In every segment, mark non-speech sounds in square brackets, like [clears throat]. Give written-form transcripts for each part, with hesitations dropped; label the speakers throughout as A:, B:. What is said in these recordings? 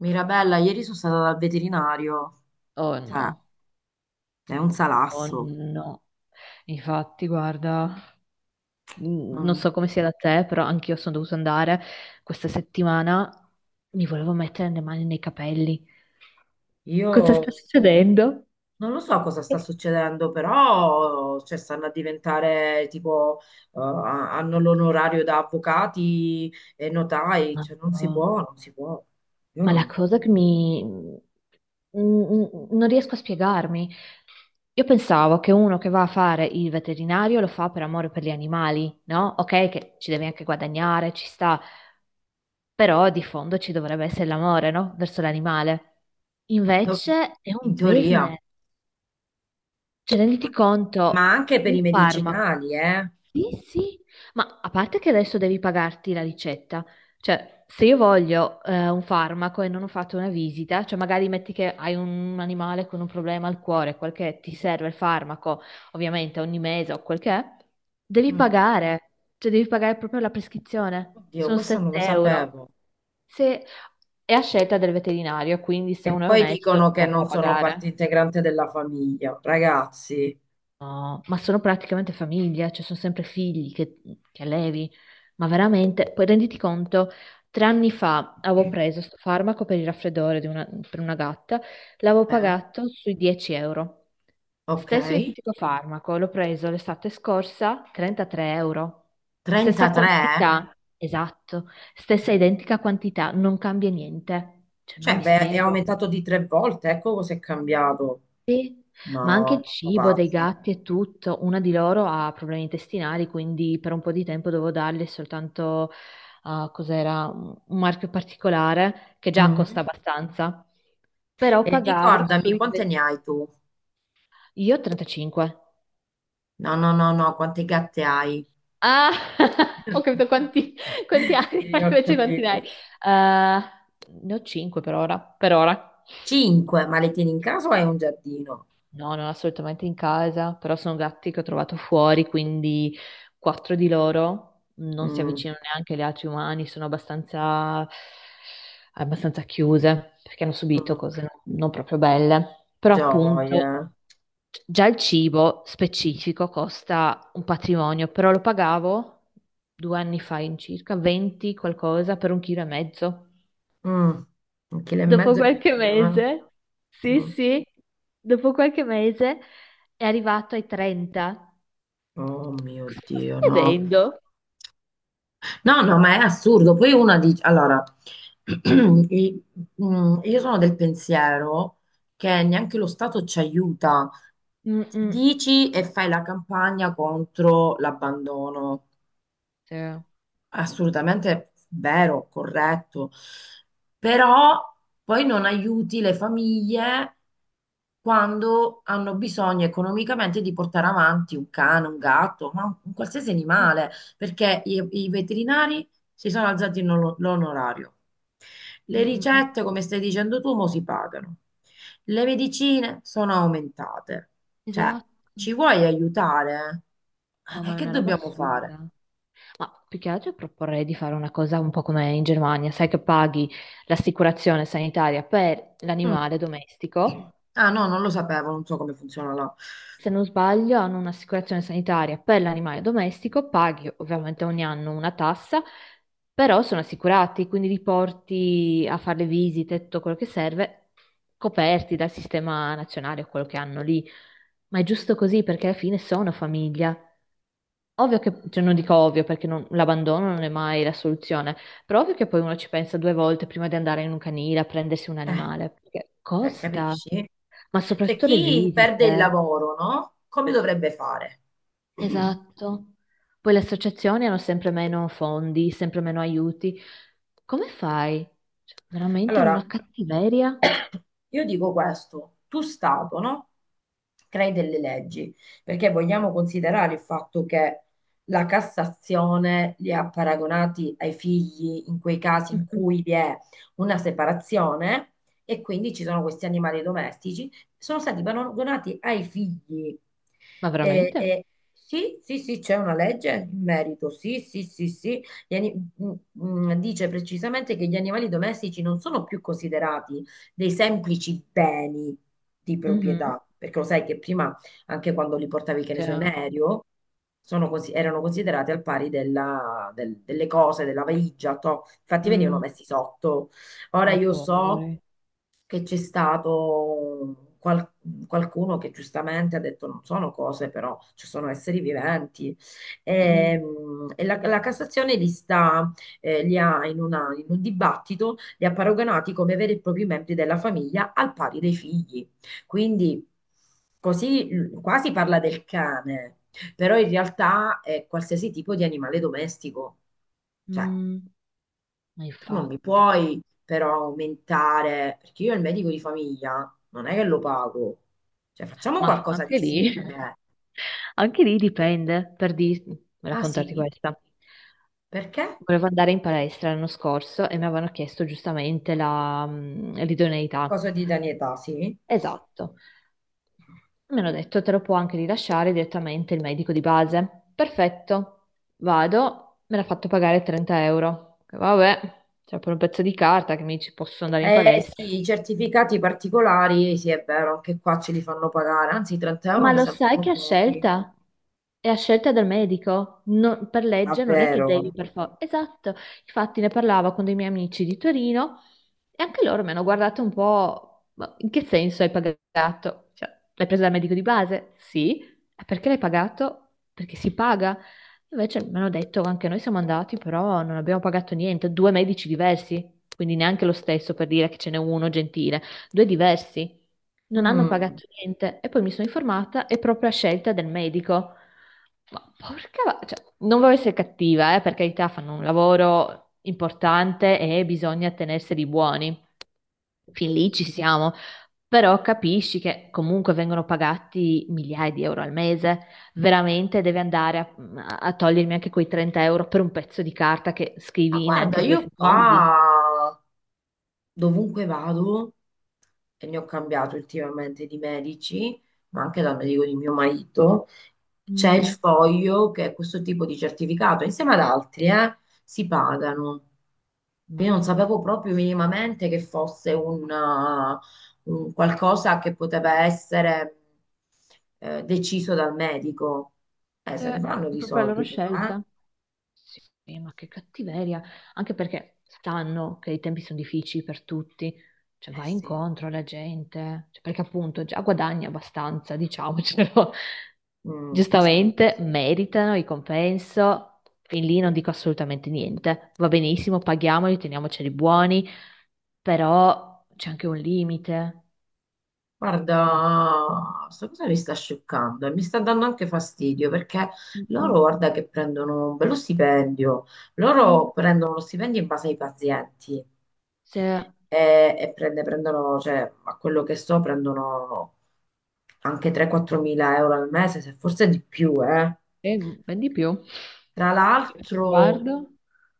A: Mirabella, ieri sono stata dal veterinario,
B: Oh
A: cioè
B: no,
A: è un
B: oh
A: salasso.
B: no. Infatti, guarda, non
A: Non-
B: so come sia da te, però anch'io sono dovuta andare questa settimana. Mi volevo mettere le mani nei capelli.
A: io
B: Cosa sta succedendo?
A: non lo so cosa sta succedendo, però cioè, stanno a diventare tipo, hanno l'onorario da avvocati e notai, cioè non si
B: Madò.
A: può, non si può. Io
B: Ma la
A: non-
B: cosa che non riesco a spiegarmi. Io pensavo che uno che va a fare il veterinario lo fa per amore per gli animali, no? Ok, che ci devi anche guadagnare, ci sta, però di fondo ci dovrebbe essere l'amore, no? Verso l'animale.
A: do-
B: Invece è
A: In
B: un
A: teoria,
B: business. Cioè,
A: ma,
B: renditi
A: ma
B: conto,
A: anche per i
B: un farmaco.
A: medicinali, eh.
B: Sì, sì, ma a parte che adesso devi pagarti la ricetta, cioè se io voglio un farmaco e non ho fatto una visita, cioè magari metti che hai un animale con un problema al cuore, quel che è, ti serve il farmaco, ovviamente ogni mese o quel che è, devi
A: Mm.
B: pagare, cioè devi pagare proprio la prescrizione,
A: Oddio,
B: sono
A: questo non lo
B: 7 euro.
A: sapevo.
B: Se è a scelta del veterinario, quindi se
A: E
B: uno è
A: poi
B: onesto
A: dicono
B: non te
A: che
B: la fa
A: non sono parte
B: pagare.
A: integrante della famiglia, ragazzi.
B: No, ma sono praticamente famiglia, cioè sono sempre figli che allevi, ma veramente, poi renditi conto, 3 anni fa avevo preso sto farmaco per il raffreddore per una gatta, l'avevo
A: Eh,
B: pagato sui 10 euro.
A: ok,
B: Stesso identico farmaco, l'ho preso l'estate scorsa, 33 euro. Stessa
A: 33?
B: quantità, esatto, stessa identica quantità, non cambia niente, cioè non
A: Cioè,
B: mi
A: beh, è
B: spiego.
A: aumentato di tre volte, ecco cosa è cambiato.
B: Ma anche
A: No,
B: il
A: sono
B: cibo dei
A: pazzi.
B: gatti e tutto, una di loro ha problemi intestinali, quindi per un po' di tempo dovevo darle soltanto, ah, cos'era, un marchio particolare che già costa
A: Mhm.
B: abbastanza, però
A: E ricordami, quante ne hai tu?
B: Io ho 35.
A: No, no, no, no, quante gatte hai?
B: Ah, [laughs] ho
A: [laughs]
B: capito quanti anni, [laughs] ma
A: Sì, ho
B: invece quanti ne
A: capito.
B: hai? Ne ho 5 per ora, per ora.
A: Cinque, ma le tieni in casa o hai un giardino?
B: No, non assolutamente in casa, però sono gatti che ho trovato fuori, quindi quattro di loro non si
A: Mm,
B: avvicinano neanche agli altri umani, sono abbastanza, abbastanza chiuse perché hanno subito
A: mm,
B: cose non proprio belle. Però
A: gioia.
B: appunto già il cibo specifico costa un patrimonio, però lo pagavo 2 anni fa in circa 20 qualcosa per un chilo e mezzo.
A: Mm, un chilo e
B: Dopo
A: mezzo è
B: qualche
A: pochino,
B: mese,
A: eh?
B: sì,
A: Mm.
B: sì, dopo qualche mese è arrivato ai 30.
A: Oh mio
B: Cosa
A: Dio,
B: stai
A: no.
B: vedendo?
A: No, no, ma è assurdo. Poi una dice, allora, [clears throat] i- io sono del pensiero che neanche lo Stato ci aiuta.
B: Mm, mm.
A: Dici e fai la campagna contro l'abbandono,
B: Sì. Mm,
A: assolutamente vero, corretto, però poi non aiuti le famiglie quando hanno bisogno economicamente di portare avanti un cane, un gatto, ma un qualsiasi animale, perché i veterinari si sono alzati l'onorario. Le
B: mm, mm, mm.
A: ricette, come stai dicendo tu, mo si pagano. Le medicine sono aumentate. Cioè,
B: Esatto.
A: ci vuoi aiutare?
B: No,
A: Eh,
B: ma è
A: che
B: una roba
A: dobbiamo fare?
B: assurda. Ma più che altro proporrei di fare una cosa un po' come in Germania, sai che paghi l'assicurazione sanitaria per
A: Mm.
B: l'animale domestico.
A: Ah no, non lo sapevo, non so come funziona là.
B: Se non sbaglio, hanno un'assicurazione sanitaria per l'animale domestico, paghi ovviamente ogni anno una tassa, però sono assicurati, quindi li porti a fare le visite, tutto quello che serve, coperti dal sistema nazionale o quello che hanno lì. Ma è giusto così perché alla fine sono famiglia. Ovvio che, cioè non dico ovvio perché l'abbandono non è mai la soluzione, però ovvio che poi uno ci pensa due volte prima di andare in un canile a prendersi un
A: Eh,
B: animale, perché
A: cioè,
B: costa,
A: capisci?
B: ma
A: Cioè,
B: soprattutto le
A: chi perde il
B: visite.
A: lavoro, no? Come dovrebbe fare? [clears throat]
B: Esatto. Poi le associazioni hanno sempre meno fondi, sempre meno aiuti. Come fai? Cioè, veramente
A: Allora,
B: una cattiveria?
A: io dico questo, tu Stato, no? Crei delle leggi, perché vogliamo considerare il fatto che la Cassazione li ha paragonati ai figli in quei casi in
B: Mm-mm.
A: cui vi è una separazione e quindi ci sono questi animali domestici, sono stati paragonati ai figli.
B: Ma
A: E,
B: veramente?
A: e- sì, sì, sì, c'è una legge in merito, sì, sì, sì, sì. Mm, mm, dice precisamente che gli animali domestici non sono più considerati dei semplici beni di
B: Mhm.
A: proprietà, perché lo sai che prima, anche quando li portavi, che ne so,
B: Cioè,
A: in aereo, erano considerati al pari delle cose, della valigia, toh. Infatti venivano
B: mm,
A: messi sotto. Ora
B: ma
A: io so
B: poveri.
A: che qualcuno che giustamente ha detto non sono cose, però ci sono esseri viventi.
B: Mm-mm.
A: E la Cassazione li sta, li ha in un dibattito, li ha paragonati come veri e propri membri della famiglia al pari dei figli. Quindi qua si parla del cane, però in realtà è qualsiasi tipo di animale domestico. Cioè,
B: Mm, ma
A: tu non mi
B: infatti.
A: puoi però aumentare, perché io il medico di famiglia non è che lo pago. Cioè, facciamo
B: Ma
A: qualcosa di
B: anche
A: simile.
B: lì, [laughs] anche lì dipende,
A: Ah
B: raccontarti
A: sì?
B: questa.
A: Perché?
B: Volevo andare in palestra l'anno scorso e mi avevano chiesto giustamente l'idoneità.
A: Cosa di età, sì?
B: Esatto. Mi hanno detto, te lo può anche rilasciare direttamente il medico di base. Perfetto, vado, me l'ha fatto pagare 30 euro. Vabbè, c'è pure un pezzo di carta che mi dice posso andare in
A: Eh
B: palestra.
A: sì, i certificati particolari, sì, è vero, anche qua ce li fanno pagare, anzi 30 euro
B: Ma
A: mi
B: lo sai
A: sembrano
B: che è a
A: pochi,
B: scelta? È a scelta del medico, per legge non è che devi
A: davvero.
B: per forza. Esatto, infatti ne parlavo con dei miei amici di Torino e anche loro mi hanno guardato un po', "Ma in che senso hai pagato? Cioè, l'hai presa dal medico di base? Sì, "E perché l'hai pagato? Perché si paga. Invece mi hanno detto, anche noi siamo andati, però non abbiamo pagato niente, due medici diversi, quindi neanche lo stesso per dire che ce n'è uno gentile, due diversi, non hanno
A: Mm.
B: pagato niente e poi mi sono informata, è proprio a scelta del medico. Ma porca, cioè, non voglio essere cattiva, per carità, fanno un lavoro importante e bisogna tenerseli buoni. Fin lì ci siamo, però capisci che comunque vengono pagati migliaia di euro al mese. Veramente devi andare a togliermi anche quei 30 euro per un pezzo di carta che
A: Ma
B: scrivi in
A: guarda,
B: anche due
A: io
B: secondi?
A: qua dovunque vado, e ne ho cambiato ultimamente di medici, ma anche dal medico di mio marito, c'è il
B: Mm,
A: foglio che è questo tipo di certificato, insieme ad altri, si pagano. Quindi non
B: madonna.
A: sapevo proprio minimamente che un qualcosa che poteva essere deciso dal medico. Se
B: Cioè,
A: ne fanno
B: è
A: di
B: proprio la loro
A: soldi, però, eh?
B: scelta. Sì, ma che cattiveria, anche perché sanno che i tempi sono difficili per tutti, cioè
A: Eh
B: vai
A: sì.
B: incontro alla gente, cioè, perché appunto già guadagni abbastanza, diciamocelo. [laughs]
A: Mm, sì.
B: Giustamente meritano il compenso, fin lì non dico assolutamente niente, va benissimo, paghiamoli, teniamoceli buoni, però c'è anche un limite. Mm,
A: Guarda, questa cosa mi sta scioccando e mi sta dando anche fastidio perché
B: mm,
A: loro, guarda, che prendono un bello stipendio,
B: mm.
A: loro prendono lo stipendio in base ai pazienti
B: Se...
A: e, prendono, cioè, a quello che so, prendono anche 3-4 mila euro al mese, se forse di più, eh.
B: Eh, ben di più.
A: Tra
B: Aspetta che
A: l'altro,
B: guardo.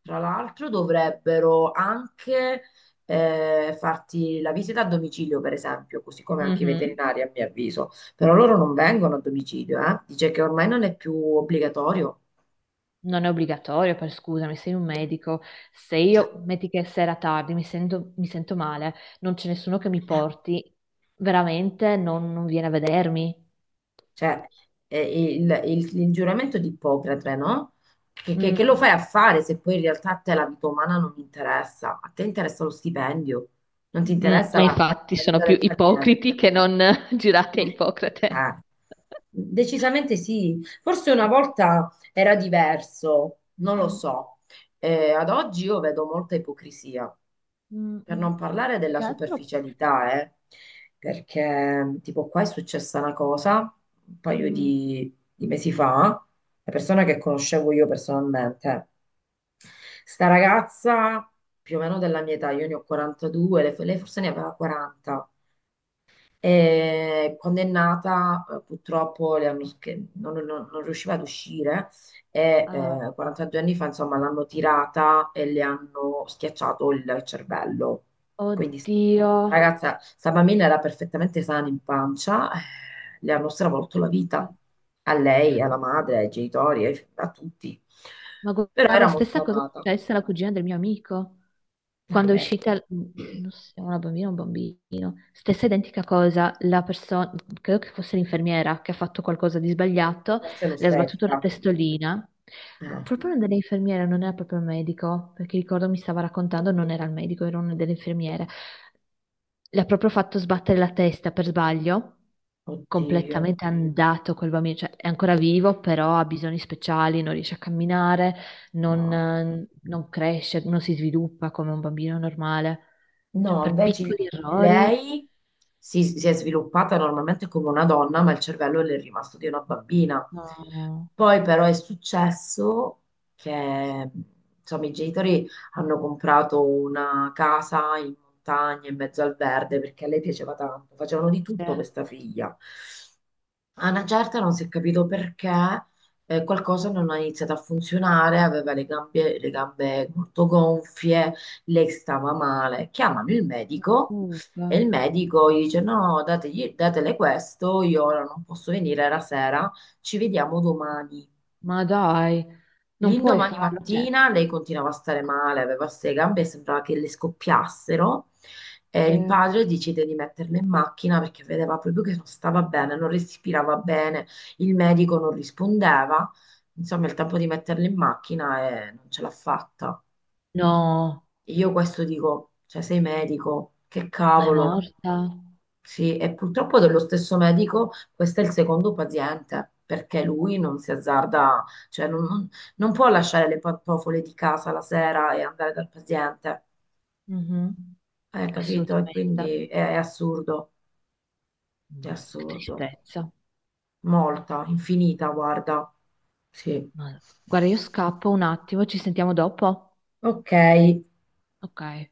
A: tra l'altro dovrebbero anche farti la visita a domicilio, per esempio, così come anche i
B: Mhm.
A: veterinari, a mio avviso. Però loro non vengono a domicilio, eh. Dice che ormai non è più obbligatorio.
B: Non è obbligatorio, per scusami, sei un medico. Se
A: Cioè,
B: io, metti che è sera tardi, mi sento male, non c'è nessuno che mi porti, veramente non viene a vedermi.
A: cioè, il giuramento di Ippocrate, no? Che lo
B: Mm,
A: fai a fare se poi in realtà a te la vita umana non interessa? A te interessa lo stipendio, non ti
B: mm,
A: interessa
B: ma
A: la
B: infatti
A: la
B: sono
A: vita
B: più
A: del paziente.
B: ipocriti che non [laughs] girati a
A: Eh,
B: Ippocrate.
A: eh, decisamente sì. Forse una volta era diverso, non lo
B: Mm,
A: so. Ad oggi io vedo molta ipocrisia.
B: mm,
A: Per
B: mm.
A: non parlare
B: Più
A: della
B: che altro.
A: superficialità, perché tipo qua è successa una cosa un paio
B: mm,
A: di mesi fa, la persona che conoscevo io personalmente, sta ragazza più o meno della mia età, io ne ho 42, lei forse ne aveva 40, e quando è nata, purtroppo le hanno sch- non, non- non riusciva ad uscire e
B: ah,
A: 42 anni fa, insomma, l'hanno tirata e le hanno schiacciato il cervello. Quindi,
B: oddio.
A: ragazza, sta bambina era perfettamente sana in pancia, le hanno stravolto la vita a lei, alla madre, ai genitori, a tutti.
B: Ma
A: Però
B: guarda,
A: era
B: stessa
A: molto
B: cosa è
A: amata.
B: successa alla cugina del mio amico.
A: Ah,
B: Quando è
A: vedi.
B: uscita, non so, una bambina o un bambino, stessa identica cosa, la persona, credo che fosse l'infermiera che ha fatto qualcosa di sbagliato,
A: Forse
B: le ha sbattuto la
A: l'ostetica.
B: testolina. No,
A: Eh,
B: proprio una delle infermiere, non era proprio il medico, perché ricordo mi stava raccontando, non era il medico, era una delle infermiere. Le ha proprio fatto sbattere la testa per sbaglio,
A: oddio,
B: completamente andato quel bambino, cioè è ancora vivo, però ha bisogni speciali, non riesce a camminare,
A: no.
B: non cresce, non si sviluppa come un bambino normale. Cioè,
A: No,
B: per
A: invece
B: piccoli errori,
A: lei si è sviluppata normalmente come una donna, ma il cervello le è rimasto di una bambina.
B: no,
A: Poi però è successo che insomma, i genitori hanno comprato una casa in montagna, in mezzo al verde, perché a lei piaceva tanto, facevano di tutto
B: se-
A: per sta figlia. A una certa non si è capito perché qualcosa non ha iniziato a funzionare, aveva le gambe molto gonfie, lei stava male. Chiamano il medico e il medico gli dice: No, datele questo, io ora non posso venire, era sera, ci vediamo domani.
B: ma dai, non puoi
A: L'indomani
B: farlo. Cioè,
A: mattina lei continuava a stare male, aveva queste gambe, sembrava che le scoppiassero e il
B: se-
A: padre decide di metterla in macchina perché vedeva proprio che non stava bene, non respirava bene, il medico non rispondeva, insomma il tempo di metterla in macchina e non ce l'ha fatta.
B: no,
A: Io questo dico, cioè sei medico, che
B: ma è
A: cavolo.
B: morta.
A: Sì, e purtroppo dello stesso medico, questo è il secondo paziente, perché lui non si azzarda, cioè non può lasciare le pantofole di casa la sera e andare dal paziente,
B: Mhm.
A: hai capito? E
B: Assolutamente.
A: quindi è
B: Madò, che
A: assurdo,
B: tristezza.
A: molta, infinita, guarda, sì.
B: Madò. Guarda, io scappo un attimo, ci sentiamo dopo.
A: Ok.
B: Ok.